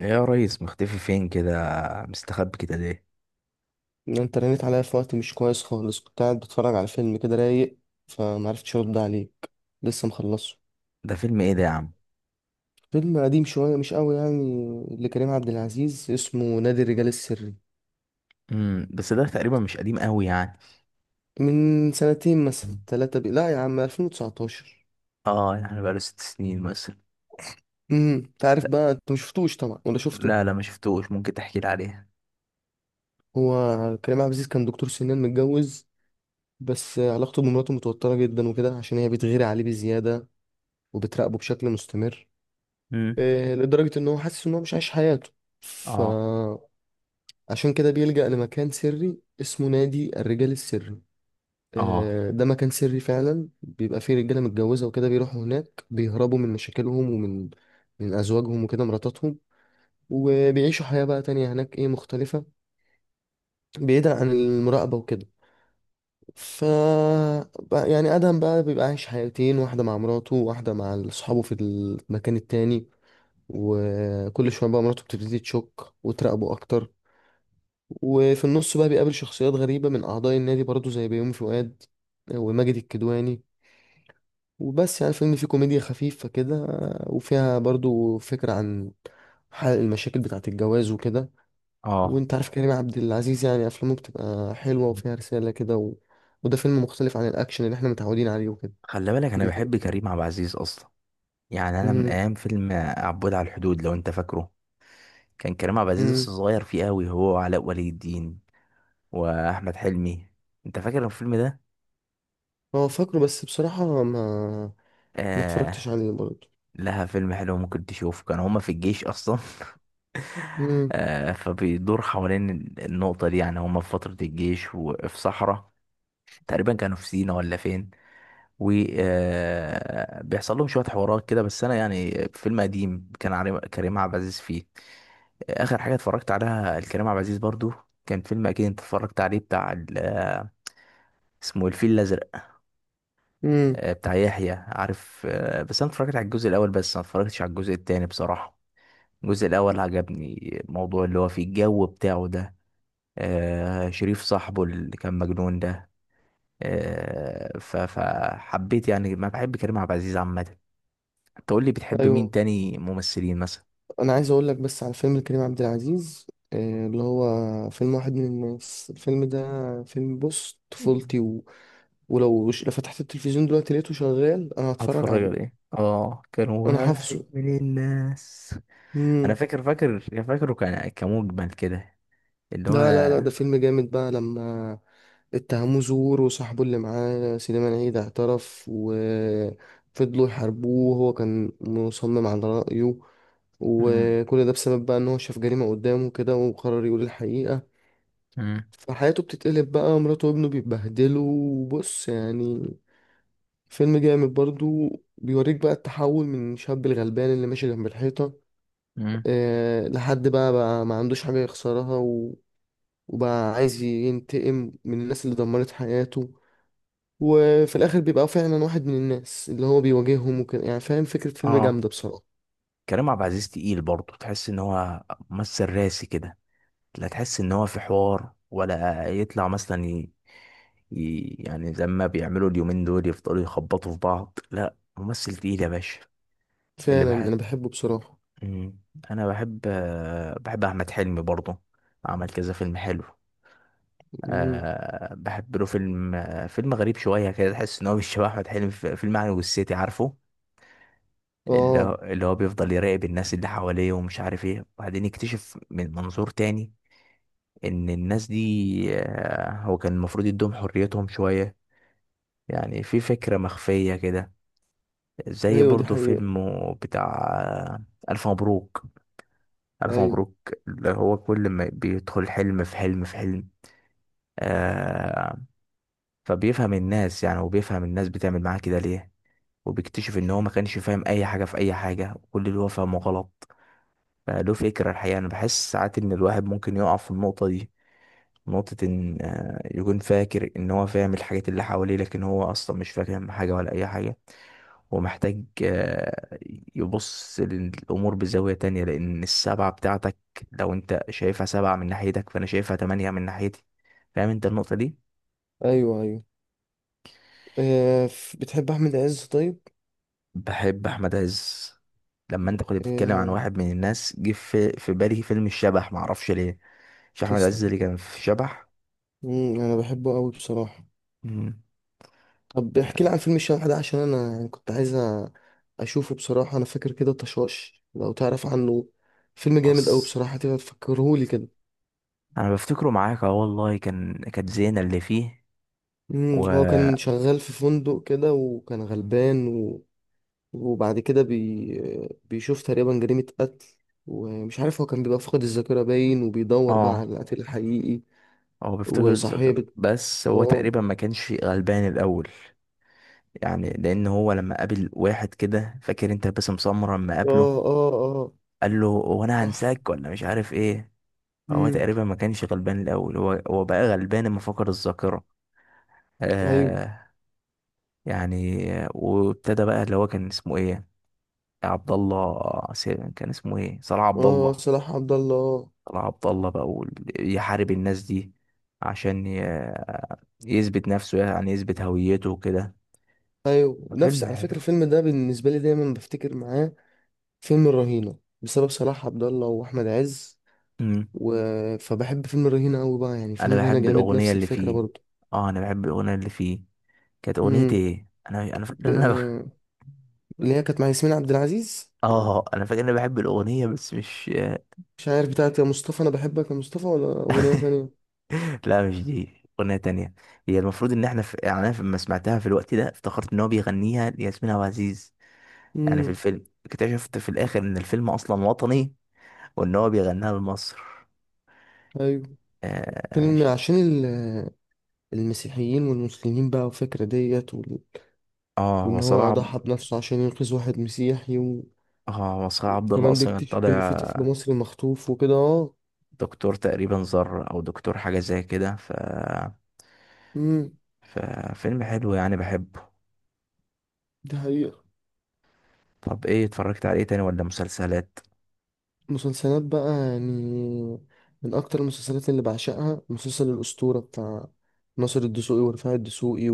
إيه يا ريس، مختفي فين كده؟ مستخبي كده ليه؟ ان انت رنيت عليا في وقت مش كويس خالص، كنت قاعد بتفرج على فيلم كده رايق، فمعرفتش ارد عليك. لسه مخلصه. ده فيلم ايه ده يا عم؟ فيلم قديم شوية مش قوي يعني، لكريم عبد العزيز، اسمه نادي الرجال السري. بس ده تقريبا مش قديم قوي يعني. من سنتين مثلا مم. ثلاثة، لا يا عم، 2019. اه، يعني بقاله 6 سنين مثلا. انت عارف لا، بقى، انت مشفتوش طبعا ولا شفته؟ لا، لا، ما شفتوش. ممكن تحكي لي عليه؟ هو كريم عبد العزيز كان دكتور سنان متجوز. بس علاقته بمراته متوترة جدا وكده، عشان هي بتغير عليه بزيادة وبتراقبه بشكل مستمر. مم. إيه، لدرجة ان هو حاسس ان هو مش عايش حياته. ف اه. عشان كده بيلجأ لمكان سري اسمه نادي الرجال السري. اه. آه، ده مكان سري فعلا، بيبقى فيه رجالة متجوزة وكده، بيروحوا هناك بيهربوا من مشاكلهم ومن أزواجهم وكده مراتاتهم. وبيعيشوا حياة بقى تانية هناك، إيه، مختلفة. بعيدا عن المراقبة وكده. ف يعني آدم بقى بيبقى عايش حياتين، واحدة مع مراته وواحدة مع أصحابه في المكان التاني. وكل شوية بقى مراته بتبتدي تشك وتراقبه أكتر. وفي النص بقى بيقابل شخصيات غريبة من أعضاء النادي برضه، زي بيومي فؤاد، آه، وماجد الكدواني. وبس يعني الفيلم فيه كوميديا خفيفة كده، آه، وفيها برضه فكرة عن حل المشاكل بتاعة الجواز وكده. اه. وانت عارف كريم عبد العزيز، يعني أفلامه بتبقى حلوة وفيها رسالة كده وده فيلم مختلف عن الأكشن اللي احنا متعودين عليه وكده. خلي بالك، انا من كريم. بحب كريم عبد العزيز اصلا. يعني انا من مم. ايام فيلم عبود على الحدود، لو انت فاكره. كان كريم عبد العزيز لسه مم. صغير فيه قوي، هو وعلاء ولي الدين واحمد حلمي. انت فاكر الفيلم ده؟ هو فاكره بس بصراحة ما اتفرجتش آه. عليه برضه. لها فيلم حلو ممكن تشوف، كان هما في الجيش اصلا. مم. فبيدور حوالين النقطة دي. يعني هما في فترة الجيش، وفي صحراء تقريبا كانوا في سينا ولا فين. وبيحصل لهم شوية حوارات كده. بس أنا يعني فيلم قديم كان كريم عبد العزيز فيه. آخر حاجة اتفرجت عليها الكريم عبد العزيز برضو كان فيلم أكيد أنت اتفرجت عليه، بتاع اسمه إيه، الفيل الأزرق. مم. بتاع يحيى عارف. بس أنا اتفرجت على الجزء الأول بس، ما اتفرجتش على الجزء التاني بصراحة. الجزء الأول عجبني، الموضوع اللي هو فيه الجو بتاعه ده. شريف صاحبه اللي كان مجنون ده. فحبيت يعني، ما بحب كريم عبد العزيز عامة. تقول لي بتحب مين أيوه. تاني ممثلين مثلا؟ انا عايز اقول لك بس على فيلم كريم عبد العزيز، آه، اللي هو فيلم واحد من الناس، الفيلم ده. فيلم بص طفولتي ولو لو فتحت التلفزيون دلوقتي لقيته شغال انا هتفرج هتفرج على عليه. ايه؟ اه، كان انا واحد حافظه. من الناس. أنا امم فاكر فاكره، كان كمجمل كده، اللي هو. لا، لا، لا، ده فيلم جامد بقى لما اتهموه زور، وصاحبه اللي معاه سليمان عيد اعترف، وفضلوا يحاربوه وهو كان مصمم على رأيه. مم. وكل ده بسبب بقى ان هو شاف جريمة قدامه كده وقرر يقول الحقيقة. مم. فحياته بتتقلب بقى، مراته وابنه بيتبهدلوا، وبص يعني فيلم جامد برضو. بيوريك بقى التحول من شاب الغلبان اللي ماشي جنب الحيطة. مم. أه لحد بقى ما عندوش حاجة يخسرها وبقى عايز ينتقم من الناس اللي دمرت حياته. وفي الآخر بيبقى فعلا واحد من الناس اللي هو بيواجههم وكده، يعني فاهم، فكرة فيلم اه، جامدة بصراحة. كريم عبد العزيز تقيل برضه، تحس إن هو ممثل راسي كده. لا تحس ان هو في حوار، ولا يطلع مثلا يعني زي ما بيعملوا اليومين دول يفضلوا يخبطوا في بعض. لا، ممثل تقيل يا باشا. اللي فعلا بحب. أنا بحبه بصراحة. مم. انا بحب، بحب احمد حلمي برضه. عمل كذا فيلم حلو. مم. أه، بحب له فيلم، فيلم غريب شويه كده، تحس ان هو مش شبه احمد حلمي، في فيلم عن والسيتي عارفه. اللي هو اه. اللي هو بيفضل يراقب الناس اللي حواليه، ومش عارف ايه، وبعدين يكتشف من منظور تاني ان الناس دي، هو كان المفروض يدوم حريتهم شوية. يعني في فكرة مخفية كده. زي أيوة دي برضو حقيقة. فيلم بتاع، ألف مبروك. ألف أيوة. مبروك، اللي هو كل ما بيدخل حلم في حلم في حلم. آه فبيفهم الناس يعني، وبيفهم الناس بتعمل معاه كده ليه. وبيكتشف ان هو ما كانش فاهم اي حاجة في اي حاجة، وكل اللي هو فاهمه غلط. فله فكرة الحقيقة، انا بحس ساعات ان الواحد ممكن يقع في النقطة دي، نقطة إن يكون فاكر إن هو فاهم الحاجات اللي حواليه، لكن هو أصلا مش فاهم حاجة ولا أي حاجة. هو محتاج يبص للأمور بزاوية تانية. لأن السبعة بتاعتك، لو أنت شايفها سبعة من ناحيتك، فأنا شايفها تمانية من ناحيتي. فاهم أنت النقطة دي؟ أيوه، أيوه. آه، بتحب أحمد عز طيب؟ بحب أحمد عز. لما أنت كنت بتتكلم عن آه. واحد من الناس، جه في بالي فيلم الشبح، معرفش ليه. مش أحمد عز تسلم. اللي كان في شبح؟ مم، انا بحبه قوي بصراحه. مم. طب احكي لي عن فيلم الشبح ده، عشان انا يعني كنت عايز اشوفه بصراحه. انا فاكر كده طشاش لو تعرف عنه، فيلم جامد قوي بص، بصراحه، تبقى تفكرهولي كده. انا بفتكره معاك، اه والله، كانت زينة اللي فيه. مم، و هو كان شغال في فندق كده وكان غلبان وبعد كده بيشوف تقريبا جريمه قتل. ومش عارف، هو كان بيبقى فاقد الذاكره باين، وبيدور بقى اه على القتيل الحقيقي. هو بيفتكر الذكر، وصاحبه. بس هو اه. تقريبا ما كانش غلبان الاول. يعني لان هو لما قابل واحد كده، فاكر انت باسم سمرة، لما اه. قابله اه. اه. قال له هو انا صح. هنساك ولا مش عارف ايه. فهو مم، تقريبا ما كانش غلبان الاول، هو بقى غلبان لما فقد الذاكره. ايوه. آه. يعني، وابتدى بقى اللي هو كان اسمه ايه، عبد الله، كان اسمه ايه، صلاح عبد اه، الله. صلاح عبد الله. صلاح عبد الله بقى يحارب الناس دي، عشان يثبت نفسه، يعني يثبت هويته وكده. ايوه، نفس، الفيلم على حلو. فكره الفيلم ده بالنسبه لي دايما بفتكر معاه فيلم الرهينه، بسبب صلاح عبد الله واحمد عز امم و... فبحب فيلم الرهينه قوي بقى، يعني فيلم انا الرهينه بحب جامد الاغنيه نفس اللي الفكره فيه. برضو. اه، انا بحب الاغنيه اللي فيه. كانت اغنيه امم ايه؟ انا ب... فاكر ان انا. اللي هي كانت مع ياسمين عبد العزيز. اه، انا فاكر ان انا بحب الاغنيه، بس مش. مش عارف بتاعت يا مصطفى، انا بحبك يا مصطفى، ولا اغنيه تانية. لا، مش دي، اغنيه تانية. هي المفروض ان احنا يعني انا لما سمعتها في الوقت ده افتكرت ان هو بيغنيها لياسمين عبد العزيز. يعني في امم الفيلم اكتشفت في الاخر ان الفيلم اصلا وطني، وان هو بيغنيها لمصر. ايوه. اه فيلم ش- عشان المسيحيين والمسلمين بقى والفكره ديت اه وان وصلاح هو عب- ضحى بنفسه عشان ينقذ واحد مسيحي. اه، وصلاح عبد الله كمان اصلا كان بيكتشف إن في طالع طفل مصري مخطوف وكده. اه. دكتور تقريبا، زر او دكتور حاجه زي كده. امم ففيلم حلو يعني، بحبه. دي حقيقة. طب، ايه اتفرجت عليه تاني ولا مسلسلات؟ مسلسلات بقى يعني، من أكتر المسلسلات اللي بعشقها مسلسل الأسطورة، بتاع ناصر الدسوقي ورفاعي الدسوقي.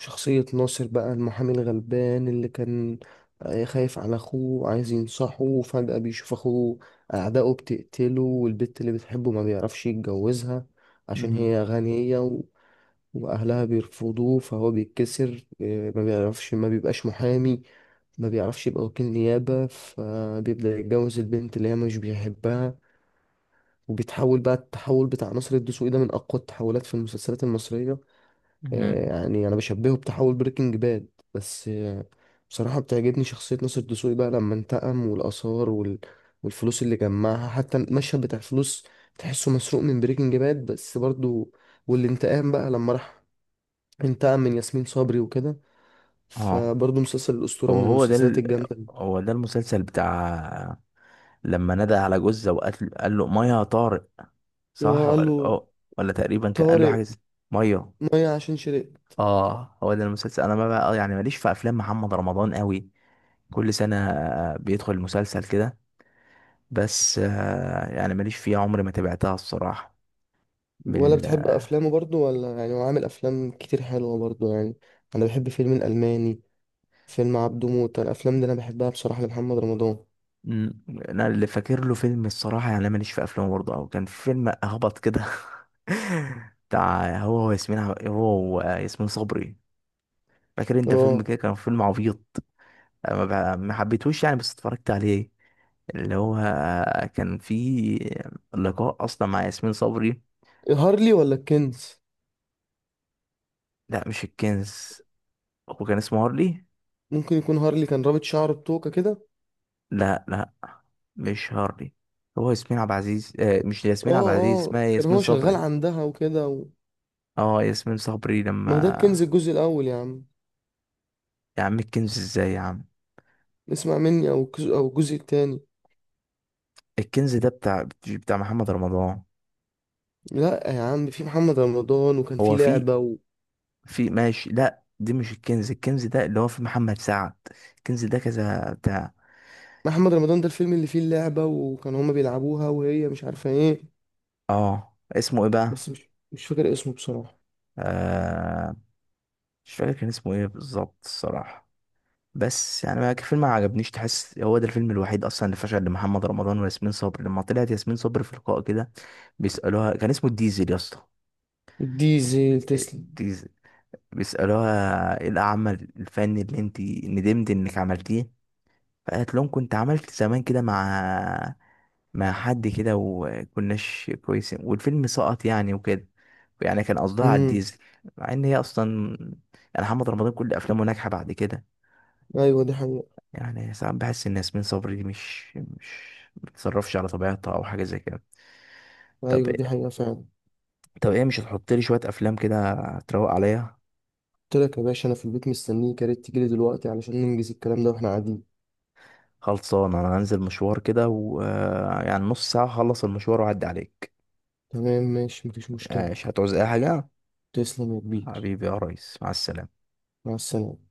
وشخصية ناصر بقى المحامي الغلبان اللي كان، آه، خايف على أخوه وعايز ينصحه، وفجأة بيشوف أخوه أعدائه بتقتله، والبت اللي بتحبه ما بيعرفش يتجوزها عشان مم. هي غنية. واهلها بيرفضوه فهو بيتكسر، إيه، ما بيعرفش، ما بيبقاش محامي، ما بيعرفش يبقى وكيل نيابة، فبيبدأ يتجوز البنت اللي هي مش بيحبها. وبيتحول بقى، التحول بتاع ناصر الدسوقي ده من اقوى التحولات في المسلسلات المصرية. مهم. إيه، يعني انا بشبهه بتحول بريكنج باد، بس إيه، بصراحة بتعجبني شخصية ناصر الدسوقي بقى لما انتقم، والآثار والفلوس اللي جمعها، حتى المشهد بتاع الفلوس تحسه مسروق من بريكنج باد بس برضو. والانتقام بقى لما راح انتقم من ياسمين صبري وكده. اه، فبرضه مسلسل الأسطورة هو من هو ده المسلسلات ال... الجامدة. هو ده المسلسل بتاع، لما نادى على جوزة وقال، قال له ميه يا طارق، صح اه، قال ولا له اه؟ ولا تقريبا كان قال له حاجه طارق، ميه. مية عشان شرق. اه، هو ده المسلسل. انا ما بقى يعني ماليش في افلام محمد رمضان قوي، كل سنه بيدخل مسلسل كده. بس، يعني ماليش فيه، عمري ما تابعتها الصراحه، من ولا بتحب ال... أفلامه برضه؟ ولا يعني هو عامل أفلام كتير حلوة برضه يعني. أنا بحب فيلم الألماني، فيلم عبده موتة، الأفلام دي أنا بحبها بصراحة لمحمد رمضان. مم. انا اللي فاكر له فيلم الصراحه، يعني أنا ماليش في افلام برضه، او كان في فيلم هبط كده بتاع، هو ياسمين صبري. فاكر انت فيلم اه. كده؟ كان فيلم عبيط، أنا ما حبيتهوش يعني، بس اتفرجت عليه، اللي هو كان في لقاء اصلا مع ياسمين صبري. هارلي ولا الكنز؟ لا، مش الكنز، هو كان اسمه هارلي. ممكن يكون هارلي، كان رابط شعره بتوكة كده. لا، لا، مش هارلي. هو ياسمين عبد العزيز، مش ياسمين عبد اه. العزيز، اه، اسمها كان ياسمين هو شغال صبري. عندها وكده اه، ياسمين صبري ما ده الكنز لما. الجزء الأول يا عم. يا عم الكنز ازاي يا عم؟ اسمع مني، أو الجزء، أو الجزء التاني. الكنز ده بتاع محمد رمضان. لا يا عم، في محمد رمضان وكان هو في في لعبة في ماشي. لا، دي مش الكنز، الكنز ده اللي هو في محمد سعد. الكنز ده كذا بتاع، محمد رمضان ده الفيلم اللي فيه اللعبة، وكان هما بيلعبوها وهي مش عارفة ايه. اه اسمه ايه بقى؟ بس مش فاكر اسمه بصراحة. آه مش فاكر كان اسمه ايه بالظبط الصراحة. بس يعني، ما الفيلم ما عجبنيش، تحس هو ده الفيلم الوحيد اصلا اللي فشل لمحمد رمضان وياسمين صبري. لما طلعت ياسمين صبري في لقاء كده، بيسألوها، كان اسمه الديزل يا اسطى، الديزل. تسلم. الديزل. بيسألوها ايه العمل الفني اللي انت ندمت انك عملتيه، فقالت لهم كنت عملت زمان كده مع حد كده، وكناش كويسين والفيلم سقط يعني وكده. يعني كان قصدها على امم الديزل، مع ان هي اصلا يعني محمد رمضان كل افلامه ناجحه بعد كده. ايوه دي حقيقة. يعني ساعات بحس ان ياسمين صبري دي مش بتتصرفش على طبيعتها او حاجه زي كده. طب ايوه دي حقيقة فعلا. طب ايه، مش هتحط لي شويه افلام كده تروق عليا؟ قلت لك يا باشا، انا في البيت مستنيك، يا ريت تجيلي دلوقتي علشان ننجز الكلام ده واحنا قاعدين. خلصان، انا هنزل مشوار كده، ويعني نص ساعه هخلص المشوار واعدي عليك. تمام، ماشي، مفيش آه، مشكلة. مش هتعوز اي حاجه؟ تسلم يا كبير. حبيبي يا ريس، مع السلامة. مع السلامة.